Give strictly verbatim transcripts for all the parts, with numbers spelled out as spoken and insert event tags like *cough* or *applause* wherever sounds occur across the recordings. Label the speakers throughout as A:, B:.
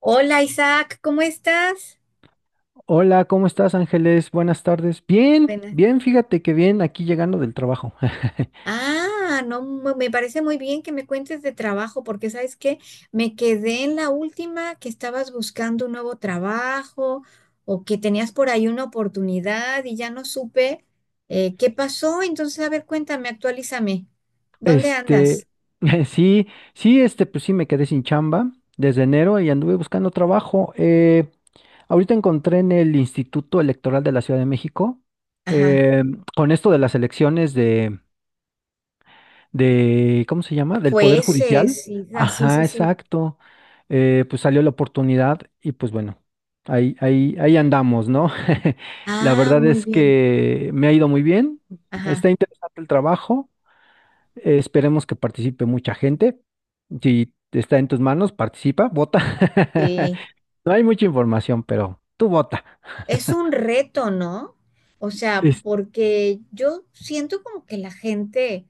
A: Hola Isaac, ¿cómo estás?
B: Hola, ¿cómo estás, Ángeles? Buenas tardes. Bien,
A: Buenas.
B: bien, fíjate que bien, aquí llegando del trabajo. *laughs*
A: Ah, no, mu- Me parece muy bien que me cuentes de trabajo, porque sabes que me quedé en la última que estabas buscando un nuevo trabajo o que tenías por ahí una oportunidad y ya no supe eh, qué pasó. Entonces, a ver, cuéntame, actualízame. ¿Dónde andas?
B: Este, *laughs* sí, sí, este, pues sí, me quedé sin chamba desde enero y anduve buscando trabajo. Eh, ahorita encontré en el Instituto Electoral de la Ciudad de México,
A: Ajá.
B: eh, con esto de las elecciones de, ¿cómo se llama? Del Poder Judicial.
A: Jueces y ah, sí, sí,
B: Ajá,
A: sí.
B: exacto. Eh, pues salió la oportunidad y pues bueno, ahí, ahí, ahí andamos, ¿no? *laughs* La
A: Ah,
B: verdad
A: muy
B: es
A: bien.
B: que me ha ido muy bien.
A: Ajá.
B: Está interesante el trabajo. Eh, esperemos que participe mucha gente. Si está en tus manos, participa, vota. *laughs*
A: Sí.
B: No hay mucha información, pero tú vota.
A: Es un reto, ¿no? O sea,
B: Es-
A: porque yo siento como que la gente,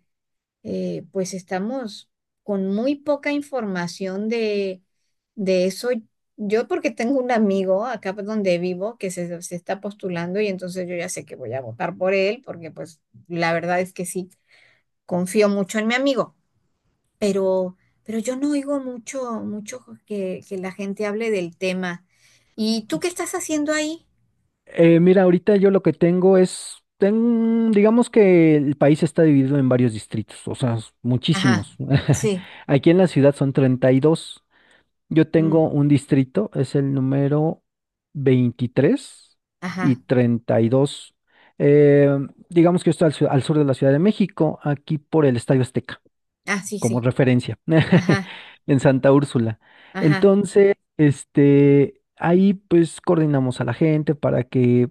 A: eh, pues estamos con muy poca información de, de eso. Yo porque tengo un amigo acá por donde vivo que se, se está postulando y entonces yo ya sé que voy a votar por él porque pues la verdad es que sí, confío mucho en mi amigo, pero, pero yo no oigo mucho, mucho que, que la gente hable del tema. ¿Y tú qué estás haciendo ahí?
B: Eh, mira, ahorita yo lo que tengo es, ten- digamos que el país está dividido en varios distritos, o sea, s-
A: Ajá,
B: muchísimos. *laughs*
A: sí.
B: Aquí en la ciudad son treinta y dos. Yo
A: Mm,
B: tengo un distrito, es el número veintitrés y
A: ajá.
B: treinta y dos. Eh, digamos que yo estoy al, su- al sur de la Ciudad de México, aquí por el Estadio Azteca,
A: Ah, sí,
B: como
A: sí.
B: referencia,
A: Ajá,
B: *laughs* en Santa Úrsula.
A: ajá.
B: Entonces, este, ahí pues coordinamos a la gente para que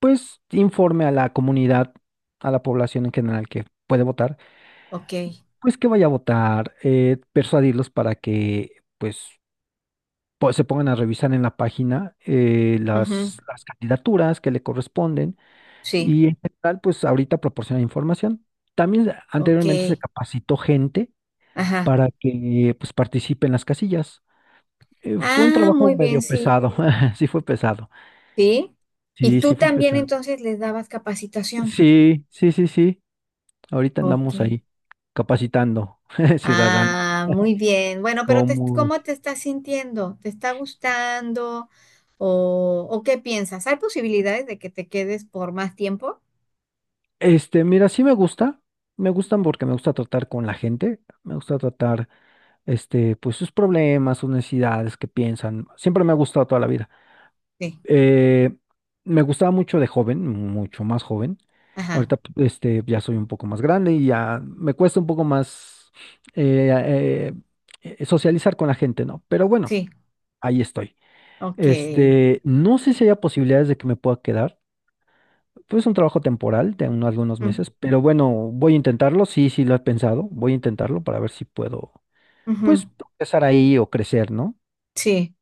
B: pues informe a la comunidad, a la población en general que puede votar,
A: Ok.
B: pues que vaya a votar, eh, persuadirlos para que pues, po- se pongan a revisar en la página eh,
A: Ujú,
B: las, las candidaturas que le corresponden
A: sí,
B: y en general pues ahorita proporciona información. También
A: ok.
B: anteriormente se capacitó gente
A: Ajá.
B: para que pues participe en las casillas. Eh, fue un
A: Ah,
B: trabajo
A: muy bien,
B: medio
A: sí.
B: pesado, *laughs* sí fue pesado,
A: Sí. Y
B: sí,
A: tú
B: sí fue
A: también
B: pesado.
A: entonces les dabas capacitación.
B: Sí, sí, sí, sí. Ahorita
A: Ok.
B: andamos ahí capacitando *laughs* ciudadanos.
A: Ah, muy bien. Bueno, pero te-
B: ¿Cómo
A: ¿cómo
B: es?
A: te estás sintiendo? ¿Te está gustando? ¿O, o qué piensas? ¿Hay posibilidades de que te quedes por más tiempo?
B: Este, mira, sí me gusta. Me gustan porque me gusta tratar con la gente. Me gusta tratar, este, pues sus problemas, sus necesidades, que piensan. Siempre me ha gustado toda la vida.
A: Sí.
B: Eh, me gustaba mucho de joven, mucho más joven.
A: Ajá.
B: Ahorita, p- este, ya soy un poco más grande y ya me cuesta un poco más eh, eh, eh, socializar con la gente, ¿no? Pero bueno,
A: Sí.
B: ahí estoy.
A: Ok.
B: Este, no sé si haya posibilidades de que me pueda quedar. Pues es un trabajo temporal de unos algunos
A: Mm,
B: meses, pero bueno, voy a intentarlo. Sí, sí lo he pensado. Voy a intentarlo para ver si puedo,
A: ujú,
B: pues, empezar ahí o crecer, ¿no?
A: sí.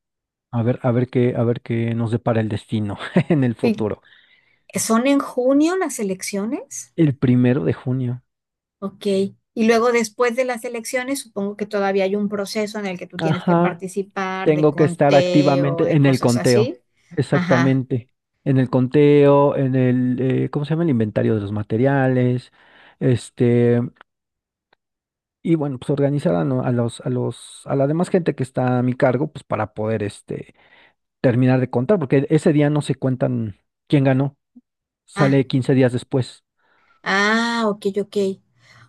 B: A ver, a ver qué, a ver qué nos depara el destino *laughs* en el futuro.
A: ¿Son en junio las elecciones?
B: El primero de junio.
A: Ok. Y luego después de las elecciones, supongo que todavía hay un proceso en el que tú tienes que
B: Ajá.
A: participar de
B: Tengo que estar
A: conteo,
B: activamente
A: de
B: en el
A: cosas
B: conteo.
A: así. Ajá.
B: Exactamente. En el conteo, en el, eh, ¿cómo se llama? El inventario de los materiales. Este. Y bueno, pues organizar a, no- a los, a los, a la demás gente que está a mi cargo, pues para poder este terminar de contar, porque ese día no se cuentan quién ganó,
A: Ah,
B: sale quince días después,
A: ah, ok, ok.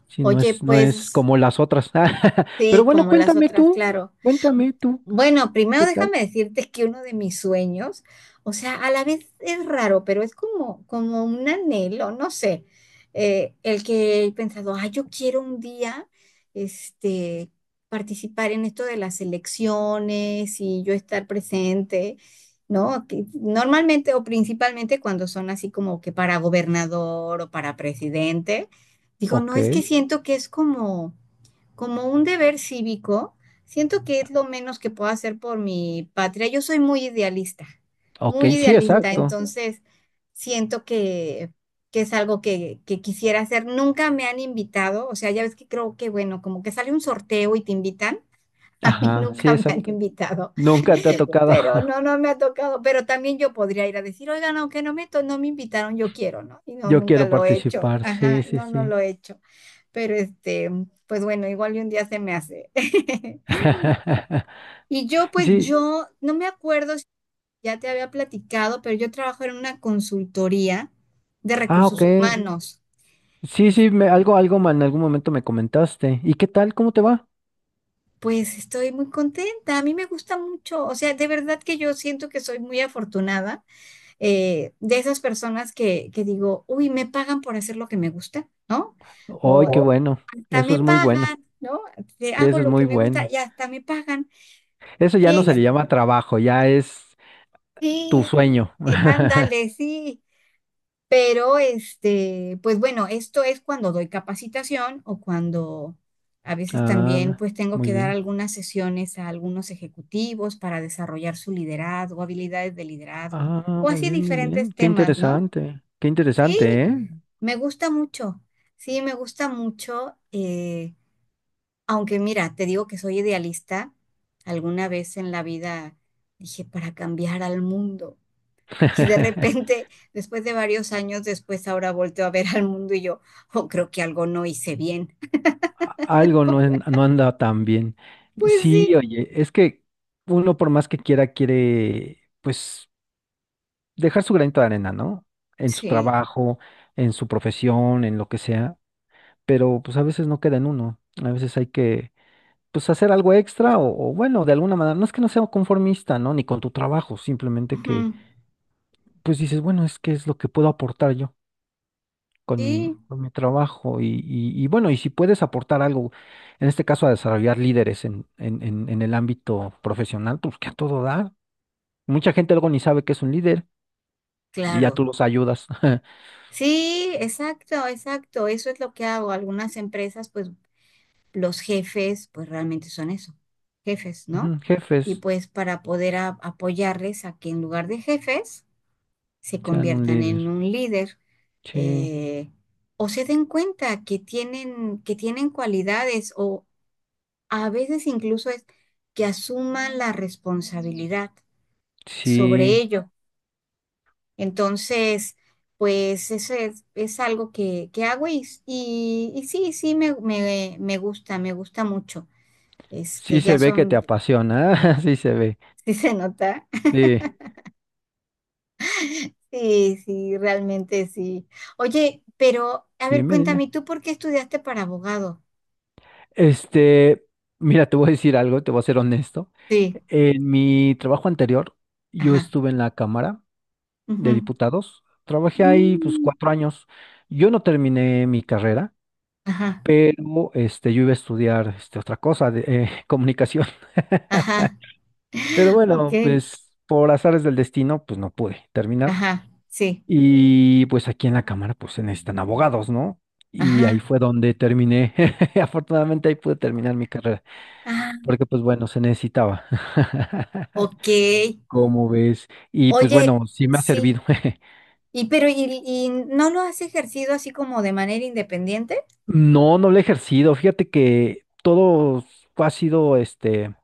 B: si no
A: Oye,
B: es, no es
A: pues
B: como las otras. *laughs* Pero
A: sí,
B: bueno,
A: como las
B: cuéntame
A: otras,
B: tú,
A: claro.
B: cuéntame tú,
A: Bueno, primero
B: ¿qué tal?
A: déjame decirte que uno de mis sueños, o sea, a la vez es raro, pero es como, como un anhelo, no sé, eh, el que he pensado, ah, yo quiero un día, este, participar en esto de las elecciones y yo estar presente, ¿no? Que normalmente o principalmente cuando son así como que para gobernador o para presidente, digo, no,
B: Ok,
A: es que siento que es como como un deber cívico, siento que es lo menos que puedo hacer por mi patria. Yo soy muy idealista,
B: ok,
A: muy
B: sí,
A: idealista,
B: exacto.
A: entonces siento que, que es algo que, que quisiera hacer. Nunca me han invitado, o sea, ya ves que creo que, bueno, como que sale un sorteo y te invitan. *laughs* A mí ajá,
B: Ajá, sí,
A: nunca me han
B: exacto.
A: invitado,
B: Nunca te ha tocado.
A: pero tocado.
B: *laughs*
A: No, no me ha tocado. Pero también yo podría ir a decir, oigan, aunque no me, to- no me invitaron, yo quiero, ¿no? Y no,
B: Yo
A: nunca
B: quiero
A: lo he hecho.
B: participar,
A: Ajá,
B: sí, sí,
A: no, no
B: sí.
A: lo he hecho pero este, pues bueno, igual y un día se me hace. *laughs*
B: *laughs*
A: Y yo, pues
B: Sí,
A: yo, no me acuerdo si ya te había platicado, pero yo trabajo en una consultoría de
B: ah, ok.
A: recursos humanos.
B: Sí,
A: Es-
B: sí, me, algo, algo ma- en algún momento me comentaste. ¿Y qué tal? ¿Cómo te va?
A: pues estoy muy contenta, a mí me gusta mucho, o sea, de verdad que yo siento que soy muy afortunada eh, de esas personas que, que digo, uy, me pagan por hacer lo que me gusta, ¿no?
B: ¡Ay, qué
A: O oh,
B: bueno!
A: hasta
B: Eso
A: me
B: es muy bueno.
A: pagan, ¿no? Te hago
B: Eso es
A: lo
B: muy
A: que me gusta
B: bueno.
A: y hasta me pagan.
B: Eso ya
A: Qué,
B: no se le llama trabajo, ya es tu
A: sí,
B: sueño.
A: eh, ándale, sí. Pero este, pues bueno, esto es cuando doy capacitación o cuando a veces
B: Ah,
A: también
B: no,
A: pues tengo
B: muy
A: que dar
B: bien.
A: algunas sesiones a algunos ejecutivos para desarrollar su liderazgo, habilidades de liderazgo
B: Ah,
A: o
B: muy
A: así
B: bien, muy
A: diferentes
B: bien. Qué
A: temas, ¿no?
B: interesante. Qué interesante, ¿eh?
A: Y me gusta mucho, sí, me gusta mucho, eh, aunque mira, te digo que soy idealista, alguna vez en la vida dije, para cambiar al mundo. Y de
B: *laughs*
A: repente, después de varios años después, ahora volteo a ver al mundo y yo, oh, creo que algo no hice bien.
B: Algo no, es- no anda tan bien.
A: Pues sí,
B: Sí, oye, es que uno por más que quiera, quiere, pues, dejar su granito de arena, ¿no? En su
A: sí,
B: trabajo, en su profesión, en lo que sea. Pero pues a veces no queda en uno, a veces hay que pues hacer algo extra o, o, bueno, de alguna manera, no es que no sea conformista, ¿no? Ni con tu trabajo, simplemente que
A: ujú,
B: pues dices, bueno, es que es lo que puedo aportar yo con mi,
A: sí,
B: con mi trabajo y, y, y, bueno, y si puedes aportar algo, en este caso a desarrollar líderes en, en, en, en el ámbito profesional, pues que a todo dar. Mucha gente luego ni sabe que es un líder y ya
A: claro.
B: tú los ayudas. *laughs*
A: Sí, exacto, exacto. Eso es lo que hago. Algunas empresas, pues los jefes, pues realmente son eso, jefes, ¿no?
B: Ujú,
A: Y
B: jefes,
A: pues para poder a- apoyarles a que en lugar de jefes se
B: sean un
A: conviertan en
B: líder.
A: un líder
B: Sí,
A: eh, o se den cuenta que tienen, que tienen cualidades o a veces incluso es que asuman la responsabilidad sobre
B: sí.
A: ello. Entonces, pues eso es, es algo que, que hago y, y, y sí, sí, me, me, me gusta, me gusta mucho.
B: Sí
A: Este, ya
B: se ve que te
A: son,
B: apasiona, *laughs* sí se ve.
A: *laughs* sí se nota.
B: Sí,
A: Sí, sí, realmente sí. Oye, pero a ver,
B: dime, dime.
A: cuéntame, ¿tú por qué estudiaste para abogado?
B: Este, mira, te voy a decir algo, te voy a ser honesto.
A: Sí,
B: En mi trabajo anterior, yo
A: ajá.
B: estuve en la Cámara de
A: Ujú.
B: Diputados. Trabajé ahí pues
A: Mm,
B: cuatro años. Yo no terminé mi carrera,
A: ajá,
B: pero este, yo iba a estudiar este, otra cosa, de, eh, *laughs* comunicación. *laughs*
A: ajá,
B: Pero
A: ok,
B: bueno, pues por azares del destino, pues no pude terminar.
A: ajá, sí,
B: Y pues aquí en la Cámara pues se necesitan abogados, ¿no? Y ahí
A: ajá,
B: fue donde terminé. *laughs* Afortunadamente ahí pude terminar mi carrera,
A: ah,
B: porque pues bueno, se necesitaba. *laughs*
A: ok.
B: ¿Cómo ves? Y pues
A: Oye,
B: bueno, sí me ha servido.
A: sí.
B: *laughs*
A: ¿Y pero y, y no lo has ejercido así como de manera independiente?
B: No, no lo he ejercido. Fíjate que todo ha sido este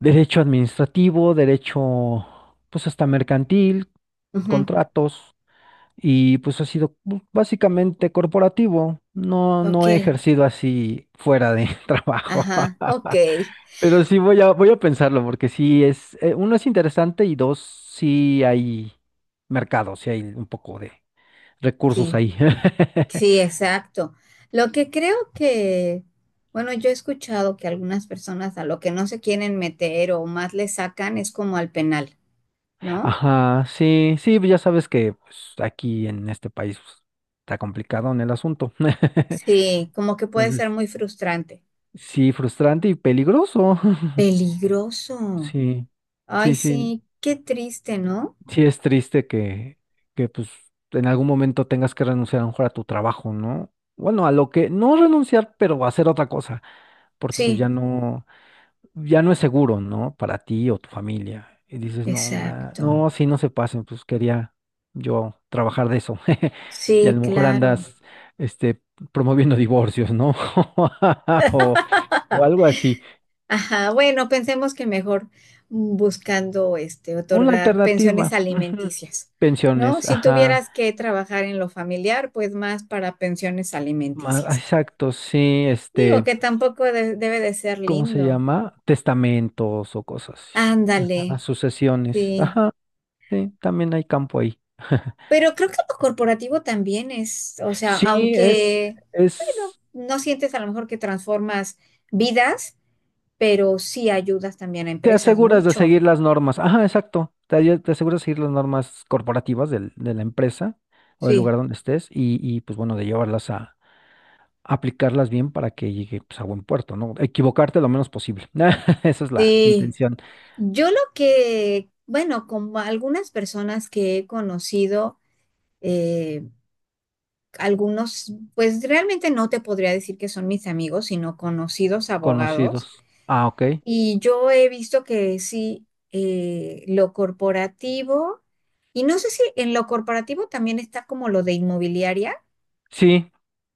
B: derecho administrativo, derecho pues hasta mercantil,
A: Ujú.
B: contratos. Y pues ha sido pues, básicamente corporativo. No, no he
A: Ok.
B: ejercido así fuera de *laughs* trabajo.
A: Ajá. Ok.
B: *laughs* Pero sí voy a, voy a pensarlo, porque sí es, eh, uno es interesante y dos, sí hay mercado, sí hay un poco de recursos
A: Sí.
B: ahí.
A: Sí,
B: *laughs*
A: exacto. Lo que creo que, bueno, yo he escuchado que algunas personas a lo que no se quieren meter o más le sacan es como al penal, ¿no?
B: Ajá, sí, sí, ya sabes que pues, aquí en este país pues, está complicado en el asunto. *laughs*
A: Sí, como que puede ser
B: Entonces,
A: muy frustrante.
B: sí, frustrante y peligroso. *laughs*
A: Peligroso.
B: Sí,
A: Ay,
B: sí, sí.
A: sí, qué triste, ¿no?
B: Sí es triste que, que pues en algún momento tengas que renunciar a lo mejor a tu trabajo, ¿no? Bueno, a lo que no renunciar, pero hacer otra cosa, porque pues
A: Sí,
B: ya no, ya no es seguro, ¿no? Para ti o tu familia. Y dices, no, ma,
A: exacto.
B: no, sí, no se pasen, pues quería yo trabajar de eso. *laughs* Y a
A: Sí,
B: lo mejor
A: claro.
B: andas, este, promoviendo divorcios, ¿no? *laughs* O, o
A: *laughs*
B: algo así.
A: Ajá, bueno, pensemos que mejor buscando este
B: Una
A: otorgar pensiones
B: alternativa. Ujú.
A: alimenticias, ¿no?
B: Pensiones,
A: Si
B: ajá.
A: tuvieras que trabajar en lo familiar, pues más para pensiones
B: Ma-
A: alimenticias.
B: Exacto, sí,
A: Digo
B: este.
A: que tampoco de- debe de ser
B: ¿Cómo se
A: lindo.
B: llama? Testamentos o cosas así. Ajá,
A: Ándale,
B: sucesiones.
A: sí.
B: Ajá, sí, también hay campo ahí. *laughs*
A: Pero creo que lo corporativo también es, o sea,
B: Sí, es,
A: aunque, bueno,
B: es,
A: no sientes a lo mejor que transformas vidas, pero sí ayudas también a
B: te
A: empresas
B: aseguras de
A: mucho.
B: seguir las normas. Ajá, exacto. Te, aye- te aseguras de seguir las normas corporativas del- de la empresa o del
A: Sí.
B: lugar donde estés y, y, pues bueno, de llevarlas a aplicarlas bien para que llegue pues, a buen puerto, ¿no? Equivocarte lo menos posible. *laughs* Esa es la
A: Sí,
B: intención.
A: yo lo que, bueno, como algunas personas que he conocido, eh, algunos, pues realmente no te podría decir que son mis amigos, sino conocidos abogados.
B: Conocidos. Ah, ok.
A: Y yo he visto que sí, eh, lo corporativo, y no sé si en lo corporativo también está como lo de inmobiliaria. Sí.
B: Sí,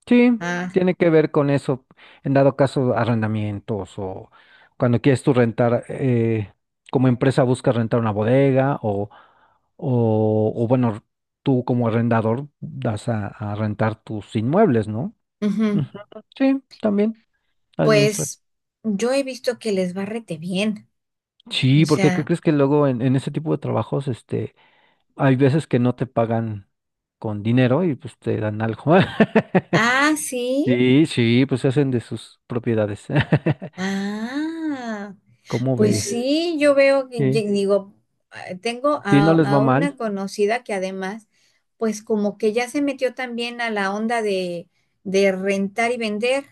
B: sí,
A: Ah,
B: tiene que ver con eso, en dado caso arrendamientos o cuando quieres tú rentar, eh, como empresa buscas rentar una bodega o, o, o bueno, tú como arrendador das a, a rentar tus inmuebles, ¿no?
A: ujú.
B: Ujú, sí, también administra.
A: Pues yo he visto que les va rete bien. O
B: Sí, porque ¿qué
A: sea,
B: crees que luego en, en ese tipo de trabajos, este, hay veces que no te pagan con dinero y pues te dan algo? *laughs*
A: ah, sí.
B: Sí, sí, pues se hacen de sus propiedades. *laughs*
A: Ah.
B: ¿Cómo
A: Pues
B: ves?
A: sí, yo veo que, que
B: Sí.
A: digo, ah, tengo
B: Sí,
A: a,
B: no les va
A: a
B: mal.
A: una conocida que además, pues como que ya se metió también a la onda de, de rentar y vender.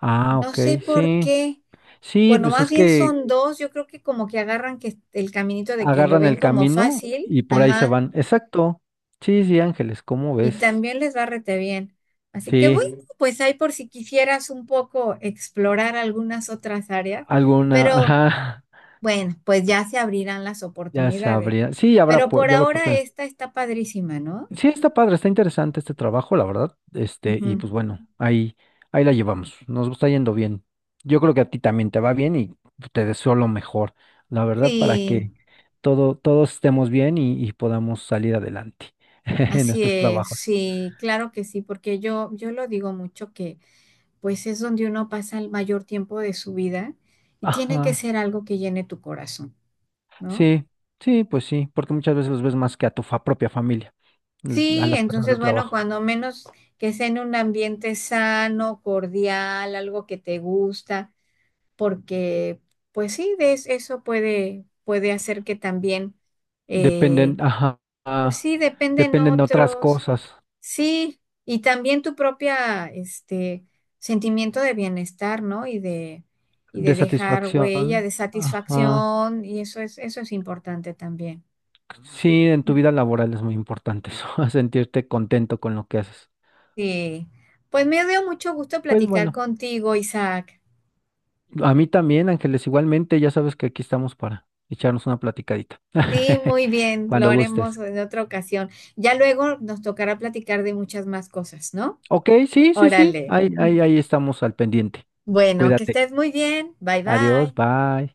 B: Ah,
A: No
B: ok,
A: sé por
B: sí.
A: qué.
B: Sí,
A: Bueno,
B: pues
A: más
B: es
A: bien
B: que
A: son dos. Yo creo que como que agarran que el caminito de que lo
B: agarran
A: ven
B: el
A: como
B: camino
A: fácil,
B: y por ahí se
A: ajá,
B: van. Exacto. Sí, sí, Ángeles, ¿cómo
A: y
B: ves?
A: también les va rete bien. Así que
B: Sí,
A: bueno, pues ahí por si quisieras un poco explorar algunas otras áreas,
B: alguna,
A: pero
B: ajá,
A: bueno, pues ya se abrirán las
B: *laughs* ya
A: oportunidades.
B: sabría. Sí, habrá,
A: Pero
B: pu-
A: por
B: ya habrá
A: ahora
B: oportunidad.
A: esta está padrísima, ¿no?
B: Sí, está padre, está interesante este trabajo, la verdad. Este, y
A: Ujú.
B: pues bueno, ahí, ahí la llevamos. Nos está yendo bien. Yo creo que a ti también te va bien y te deseo lo mejor, la verdad, para
A: Sí,
B: que todo, todos estemos bien y, y podamos salir adelante *laughs* en
A: así
B: estos
A: es,
B: trabajos.
A: sí, claro que sí, porque yo, yo lo digo mucho que pues es donde uno pasa el mayor tiempo de su vida y tiene que
B: Ajá.
A: ser algo que llene tu corazón, ¿no?
B: Sí, sí, pues sí, porque muchas veces los ves más que a tu fa- propia familia, l- a
A: Sí,
B: las personas
A: entonces
B: del
A: bueno,
B: trabajo.
A: cuando menos que sea en un ambiente sano, cordial, algo que te gusta. Porque pues sí, de es- eso puede, puede hacer que también, eh,
B: Dependen, ajá,
A: pues sí, dependen
B: dependen de otras
A: otros,
B: cosas,
A: sí, y también tu propia, este, sentimiento de bienestar, ¿no? Y de, y de
B: de
A: dejar huella,
B: satisfacción.
A: de
B: Ajá.
A: satisfacción, y eso es, eso es importante también.
B: Sí, en tu vida laboral es muy importante eso, *laughs* sentirte contento con lo que haces.
A: Sí, pues me dio mucho gusto
B: Pues
A: platicar
B: bueno,
A: contigo, Isaac.
B: a mí también, Ángeles, igualmente, ya sabes que aquí estamos para echarnos una platicadita,
A: Sí,
B: *laughs*
A: muy bien, lo
B: cuando
A: haremos
B: gustes.
A: en otra ocasión. Ya luego nos tocará platicar de muchas más cosas, ¿no?
B: Ok, sí, sí, sí,
A: Órale.
B: ahí, ahí, ahí estamos al pendiente.
A: Bueno, que
B: Cuídate.
A: estés muy bien. Bye
B: Adiós,
A: bye.
B: bye.